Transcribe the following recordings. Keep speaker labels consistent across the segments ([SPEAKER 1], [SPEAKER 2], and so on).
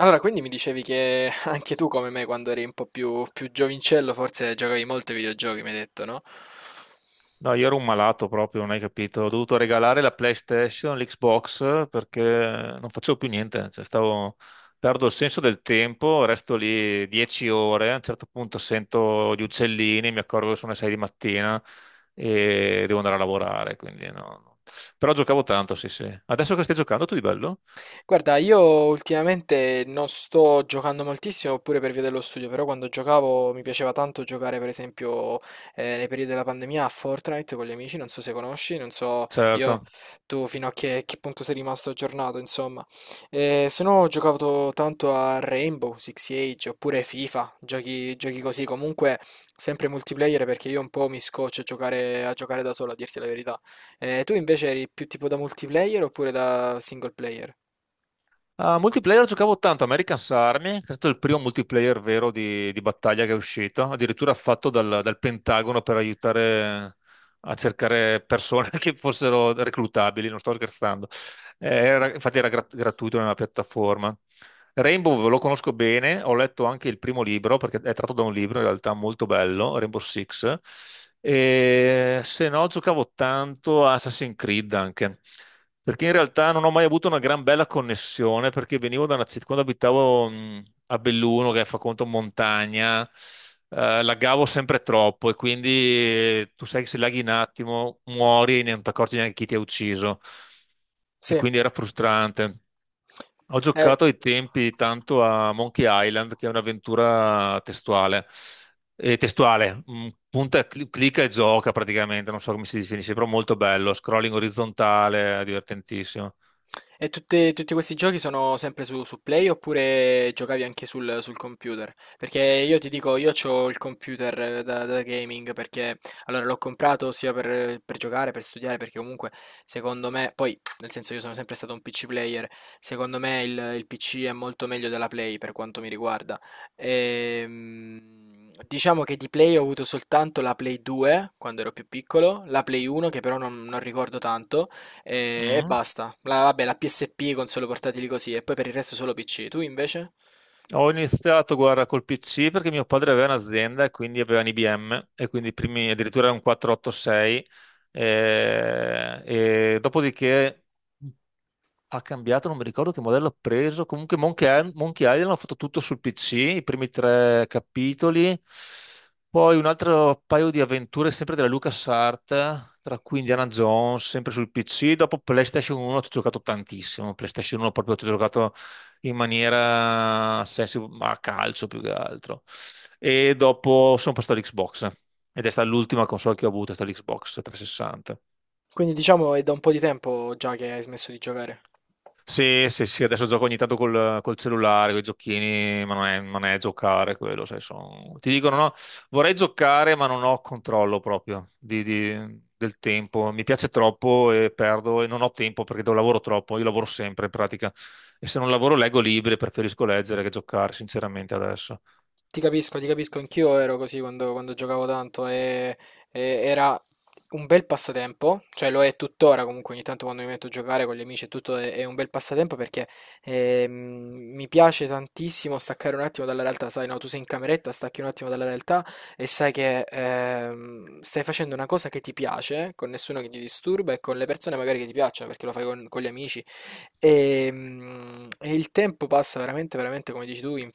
[SPEAKER 1] Allora, quindi mi dicevi che anche tu, come me, quando eri un po' più giovincello, forse giocavi molto ai videogiochi, mi hai detto, no?
[SPEAKER 2] No, io ero un malato proprio, non hai capito. Ho dovuto regalare la PlayStation, l'Xbox perché non facevo più niente. Cioè, stavo. Perdo il senso del tempo, resto lì 10 ore. A un certo punto sento gli uccellini, mi accorgo che sono le 6 di mattina e devo andare a lavorare. Quindi no, no. Però giocavo tanto, sì, sì. Adesso che stai giocando tu di bello?
[SPEAKER 1] Guarda, io ultimamente non sto giocando moltissimo pure per via dello studio, però quando giocavo mi piaceva tanto giocare, per esempio, nei periodi della pandemia a Fortnite con gli amici, non so se conosci, non so io
[SPEAKER 2] Certo.
[SPEAKER 1] tu fino a che punto sei rimasto aggiornato, insomma. Se no ho giocato tanto a Rainbow, Six Siege oppure FIFA, giochi così, comunque sempre multiplayer perché io un po' mi scoccio a giocare da solo, a dirti la verità. Tu invece eri più tipo da multiplayer oppure da single player?
[SPEAKER 2] A multiplayer giocavo tanto, American's Army, che è stato il primo multiplayer vero di battaglia che è uscito, addirittura fatto dal Pentagono per aiutare a cercare persone che fossero reclutabili, non sto scherzando. Infatti era gratuito nella piattaforma. Rainbow lo conosco bene, ho letto anche il primo libro perché è tratto da un libro in realtà molto bello, Rainbow Six. E se no, giocavo tanto a Assassin's Creed anche perché in realtà non ho mai avuto una gran bella connessione perché venivo da una città quando abitavo a Belluno, che fa conto montagna, laggavo sempre troppo e quindi tu sai che se laghi un attimo muori e non ti accorgi neanche chi ti ha ucciso e
[SPEAKER 1] Sì,
[SPEAKER 2] quindi era frustrante. Ho
[SPEAKER 1] eh,
[SPEAKER 2] giocato ai tempi tanto a Monkey Island, che è un'avventura testuale, punta, e clicca e gioca praticamente, non so come si definisce, però molto bello, scrolling orizzontale, divertentissimo.
[SPEAKER 1] e tutti questi giochi sono sempre su, su Play oppure giocavi anche sul, sul computer? Perché io ti dico, io ho il computer da gaming perché allora l'ho comprato sia per giocare, per studiare, perché comunque secondo me, poi nel senso io sono sempre stato un PC player, secondo me il PC è molto meglio della Play per quanto mi riguarda. Ehm, diciamo che di Play ho avuto soltanto la Play 2 quando ero più piccolo, la Play 1 che però non ricordo tanto. E
[SPEAKER 2] Mm.
[SPEAKER 1] basta. La, vabbè, la PSP, console portatili così, e poi per il resto solo PC. Tu invece?
[SPEAKER 2] Ho iniziato, guarda, col PC perché mio padre aveva un'azienda e quindi aveva un IBM e quindi i primi, addirittura era un 486 e dopodiché ha cambiato, non mi ricordo che modello ha preso. Comunque Monkey Island l'ha fatto tutto sul PC, i primi tre capitoli. Poi un altro paio di avventure sempre della LucasArts, tra cui Indiana Jones, sempre sul PC. Dopo PlayStation 1 ci ho giocato tantissimo. PlayStation 1 proprio ci ho giocato ma a calcio più che altro. E dopo sono passato all'Xbox. Ed è stata l'ultima console che ho avuto, è stata l'Xbox 360.
[SPEAKER 1] Quindi diciamo è da un po' di tempo già che hai smesso di giocare.
[SPEAKER 2] Sì, sì, sì, adesso gioco ogni tanto col cellulare, con i giochini, ma non è giocare quello, sai, ti dicono, no, vorrei giocare, ma non ho controllo proprio del tempo. Mi piace troppo e perdo e non ho tempo perché lavoro troppo, io lavoro sempre in pratica. E se non lavoro leggo libri, preferisco leggere che giocare, sinceramente, adesso.
[SPEAKER 1] Ti capisco, anch'io ero così quando, quando giocavo tanto e era un bel passatempo, cioè lo è tuttora comunque ogni tanto quando mi metto a giocare con gli amici e tutto è un bel passatempo perché ehm, mi piace tantissimo staccare un attimo dalla realtà, sai, no, tu sei in cameretta, stacchi un attimo dalla realtà e sai che stai facendo una cosa che ti piace, con nessuno che ti disturba e con le persone magari che ti piacciono perché lo fai con gli amici. E, e il tempo passa veramente, veramente, come dici tu,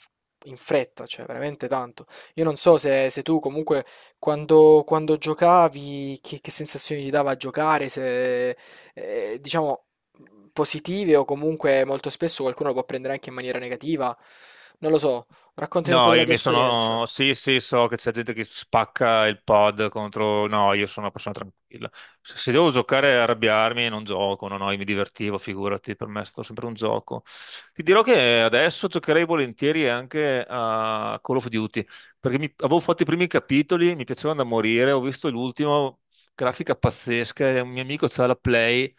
[SPEAKER 1] in fretta, cioè veramente tanto. Io non so se, se tu comunque quando, quando giocavi che sensazioni ti dava a giocare, se diciamo positive o comunque molto spesso qualcuno lo può prendere anche in maniera negativa. Non lo so, raccontami un po'
[SPEAKER 2] No,
[SPEAKER 1] della
[SPEAKER 2] io
[SPEAKER 1] tua
[SPEAKER 2] mi
[SPEAKER 1] esperienza.
[SPEAKER 2] sono. Sì, sì, so che c'è gente che spacca il pod contro. No, io sono una persona tranquilla. Se devo giocare e arrabbiarmi, non gioco. No, no, io mi divertivo, figurati, per me è stato sempre un gioco. Ti dirò che adesso giocherei volentieri anche a Call of Duty, perché avevo fatto i primi capitoli, mi piacevano da morire. Ho visto l'ultimo, grafica pazzesca, e un mio amico c'ha la Play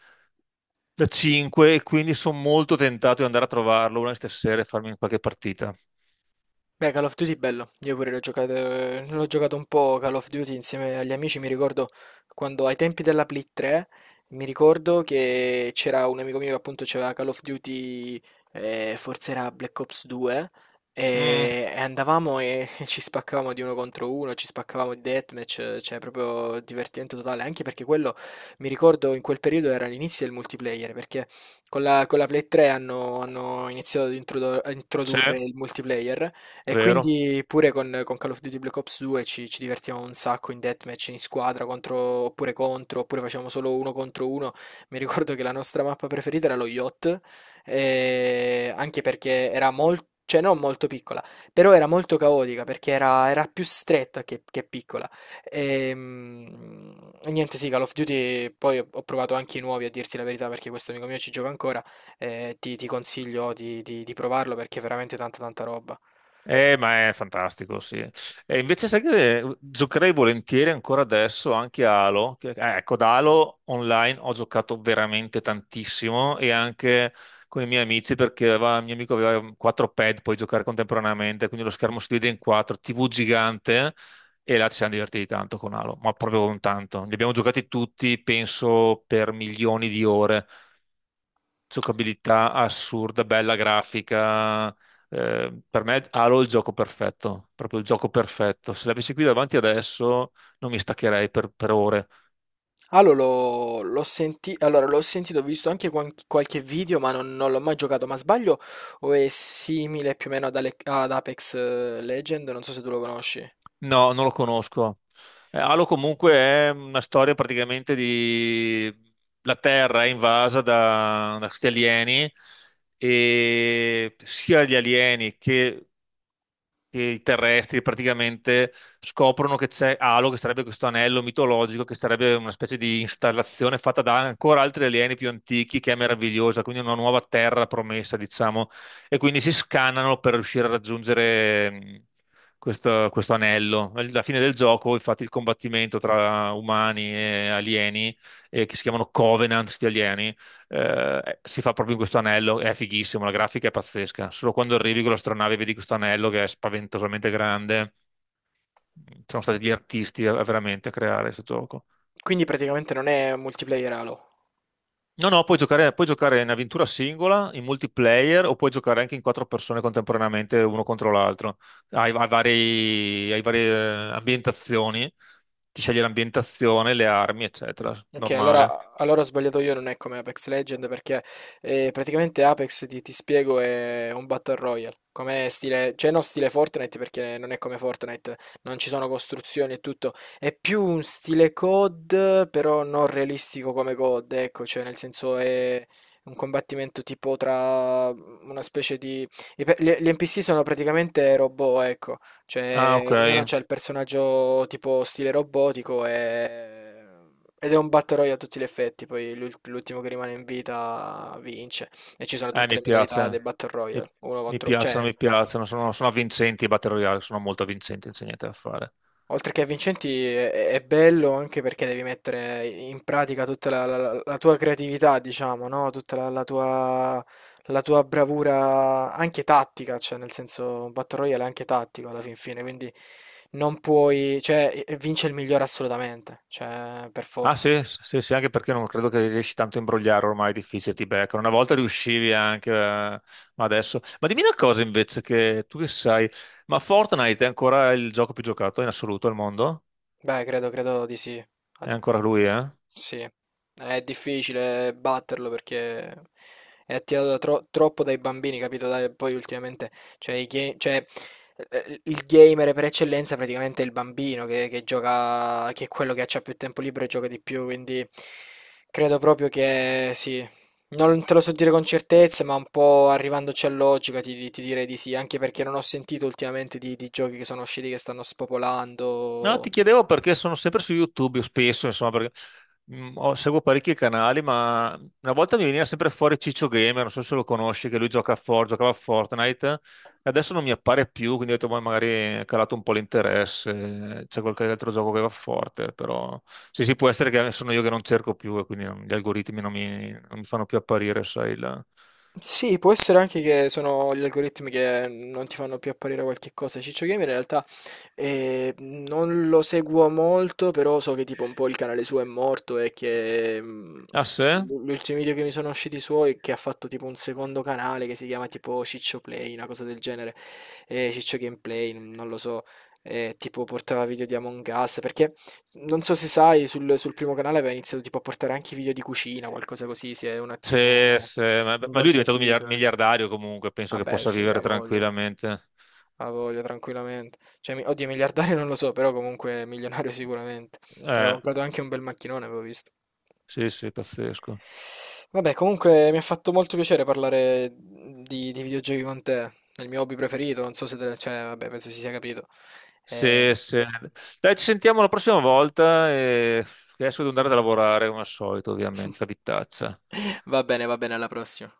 [SPEAKER 2] da 5, e quindi sono molto tentato di andare a trovarlo una di queste sere e farmi qualche partita.
[SPEAKER 1] Beh, Call of Duty bello, io pure l'ho giocato un po' Call of Duty insieme agli amici, mi ricordo quando ai tempi della Play 3, mi ricordo che c'era un amico mio che appunto c'aveva Call of Duty, forse era Black Ops 2,
[SPEAKER 2] Mm.
[SPEAKER 1] e andavamo e ci spaccavamo di uno contro uno, ci spaccavamo di deathmatch, cioè proprio divertimento totale, anche perché quello, mi ricordo in quel periodo era l'inizio del multiplayer, perché con la Play 3 hanno, hanno iniziato a introdurre
[SPEAKER 2] C'è?
[SPEAKER 1] il multiplayer e
[SPEAKER 2] Vero?
[SPEAKER 1] quindi pure con Call of Duty Black Ops 2 ci, ci divertiamo un sacco in deathmatch, in squadra, contro, oppure facciamo solo uno contro uno. Mi ricordo che la nostra mappa preferita era lo yacht, anche perché era molto, cioè non molto piccola, però era molto caotica perché era, era più stretta che piccola. Ehm, Niente, sì, Call of Duty, poi ho, ho provato anche i nuovi a dirti la verità perché questo amico mio ci gioca ancora, ti, ti consiglio di provarlo perché è veramente tanta tanta roba.
[SPEAKER 2] Ma è fantastico, sì. E invece sai che giocherei volentieri ancora adesso anche a Halo. Ecco, ad Halo online ho giocato veramente tantissimo e anche con i miei amici perché il mio amico aveva quattro pad, puoi giocare contemporaneamente, quindi lo schermo si divide in quattro, TV gigante e là ci siamo divertiti tanto con Halo, ma proprio con tanto. Li abbiamo giocati tutti, penso, per milioni di ore. Giocabilità assurda, bella grafica. Per me Halo è il gioco perfetto, proprio il gioco perfetto. Se l'avessi qui davanti adesso non mi staccherei per ore.
[SPEAKER 1] Allora, l'ho sentito, ho visto anche qualche video, ma non, non l'ho mai giocato. Ma sbaglio? O è simile più o meno ad, ad Apex Legend? Non so se tu lo conosci.
[SPEAKER 2] No, non lo conosco. Halo comunque è una storia praticamente di. La Terra è invasa da questi alieni e sia gli alieni che i terrestri praticamente scoprono che c'è Halo, che sarebbe questo anello mitologico, che sarebbe una specie di installazione fatta da ancora altri alieni più antichi, che è meravigliosa, quindi una nuova terra promessa, diciamo, e quindi si scannano per riuscire a raggiungere questo anello. Alla fine del gioco, infatti, il combattimento tra umani e alieni, che si chiamano Covenant, sti alieni, si fa proprio in questo anello, è fighissimo, la grafica è pazzesca. Solo quando arrivi con l'astronave e vedi questo anello che è spaventosamente grande. Sono stati gli artisti veramente a creare questo gioco.
[SPEAKER 1] Quindi praticamente non è multiplayer Halo.
[SPEAKER 2] No, no, puoi giocare in avventura singola, in multiplayer o puoi giocare anche in quattro persone contemporaneamente, uno contro l'altro. Hai varie ambientazioni, ti scegli l'ambientazione, le armi, eccetera.
[SPEAKER 1] Ok,
[SPEAKER 2] Normale.
[SPEAKER 1] allora ho sbagliato io, non è come Apex Legend perché praticamente Apex, ti spiego, è un Battle Royale, come stile, cioè non stile Fortnite perché non è come Fortnite, non ci sono costruzioni e tutto, è più un stile COD però non realistico come COD, ecco, cioè nel senso è un combattimento tipo tra una specie di... Gli, gli NPC sono praticamente robot, ecco,
[SPEAKER 2] Ah,
[SPEAKER 1] cioè
[SPEAKER 2] ok.
[SPEAKER 1] ognuno ha il personaggio tipo stile robotico e... Ed è un battle royale a tutti gli effetti, poi l'ultimo che rimane in vita vince. E ci sono tutte
[SPEAKER 2] Mi
[SPEAKER 1] le modalità del
[SPEAKER 2] piace,
[SPEAKER 1] battle
[SPEAKER 2] mi,
[SPEAKER 1] royale, uno contro... cioè,
[SPEAKER 2] mi piacciono, sono avvincenti i Battle Royale, sono molto avvincenti, non c'è niente da fare.
[SPEAKER 1] oltre che vincenti è bello anche perché devi mettere in pratica tutta la, la tua creatività, diciamo, no? Tutta la, la tua bravura anche tattica, cioè nel senso un battle royale è anche tattico alla fin fine, quindi non puoi... cioè, vince il migliore assolutamente, cioè, per
[SPEAKER 2] Ah
[SPEAKER 1] forza.
[SPEAKER 2] sì, sì, sì, anche perché non credo che riesci tanto a imbrogliare ormai, è difficile, ti beccano. Una volta riuscivi anche, ma adesso. Ma dimmi una cosa invece, che tu che sai, ma Fortnite è ancora il gioco più giocato in assoluto al mondo?
[SPEAKER 1] Beh, credo, credo di sì.
[SPEAKER 2] È
[SPEAKER 1] Ad-
[SPEAKER 2] ancora lui, eh?
[SPEAKER 1] Sì, è difficile batterlo perché è attirato da troppo dai bambini, capito? Dai, poi ultimamente, cioè, il gamer per eccellenza praticamente è il bambino che gioca, che è quello che ha più tempo libero e gioca di più, quindi credo proprio che sì. Non te lo so dire con certezza, ma un po' arrivandoci a logica ti, ti direi di sì, anche perché non ho sentito ultimamente di giochi che sono usciti che stanno
[SPEAKER 2] No, ti
[SPEAKER 1] spopolando.
[SPEAKER 2] chiedevo perché sono sempre su YouTube, io spesso, insomma, perché seguo parecchi canali, ma una volta mi veniva sempre fuori Ciccio Gamer, non so se lo conosci, che lui giocava a Fortnite, e adesso non mi appare più, quindi ho detto, "Ma magari è calato un po' l'interesse, c'è qualche altro gioco che va forte, però sì, sì, può essere che sono io che non cerco più e quindi gli algoritmi non mi fanno più apparire, sai, il."
[SPEAKER 1] Sì, può essere anche che sono gli algoritmi che non ti fanno più apparire qualche cosa. Ciccio Gamer in realtà non lo seguo molto, però so che tipo un po' il canale suo è morto e che
[SPEAKER 2] Ah, sì?
[SPEAKER 1] l'ultimo video che mi sono usciti suoi è che ha fatto tipo un secondo canale che si chiama tipo Ciccio Play, una cosa del genere, Ciccio Gameplay, non lo so, tipo portava video di Among Us, perché non so se sai, sul, sul primo canale aveva iniziato tipo a portare anche video di cucina, qualcosa così, si è un
[SPEAKER 2] Sì,
[SPEAKER 1] attimo...
[SPEAKER 2] sì, ma lui è diventato
[SPEAKER 1] Imborghesito, ecco.
[SPEAKER 2] miliardario comunque, penso che
[SPEAKER 1] Vabbè,
[SPEAKER 2] possa
[SPEAKER 1] sì, ha
[SPEAKER 2] vivere
[SPEAKER 1] Sì. voglia,
[SPEAKER 2] tranquillamente.
[SPEAKER 1] ha voglia tranquillamente. Cioè, mi- oddio, miliardario non lo so, però comunque milionario sicuramente. Si era
[SPEAKER 2] Eh,
[SPEAKER 1] comprato anche un bel macchinone, avevo visto.
[SPEAKER 2] Sì, sì, pazzesco.
[SPEAKER 1] Vabbè, comunque mi ha fatto molto piacere parlare di videogiochi con te. È il mio hobby preferito, non so se te, cioè, vabbè, penso si sia capito. Eh,
[SPEAKER 2] Sì, sì. Dai, ci sentiamo la prossima volta e adesso devo andare a lavorare come al solito, ovviamente, la vitaccia.
[SPEAKER 1] Va bene, alla prossima.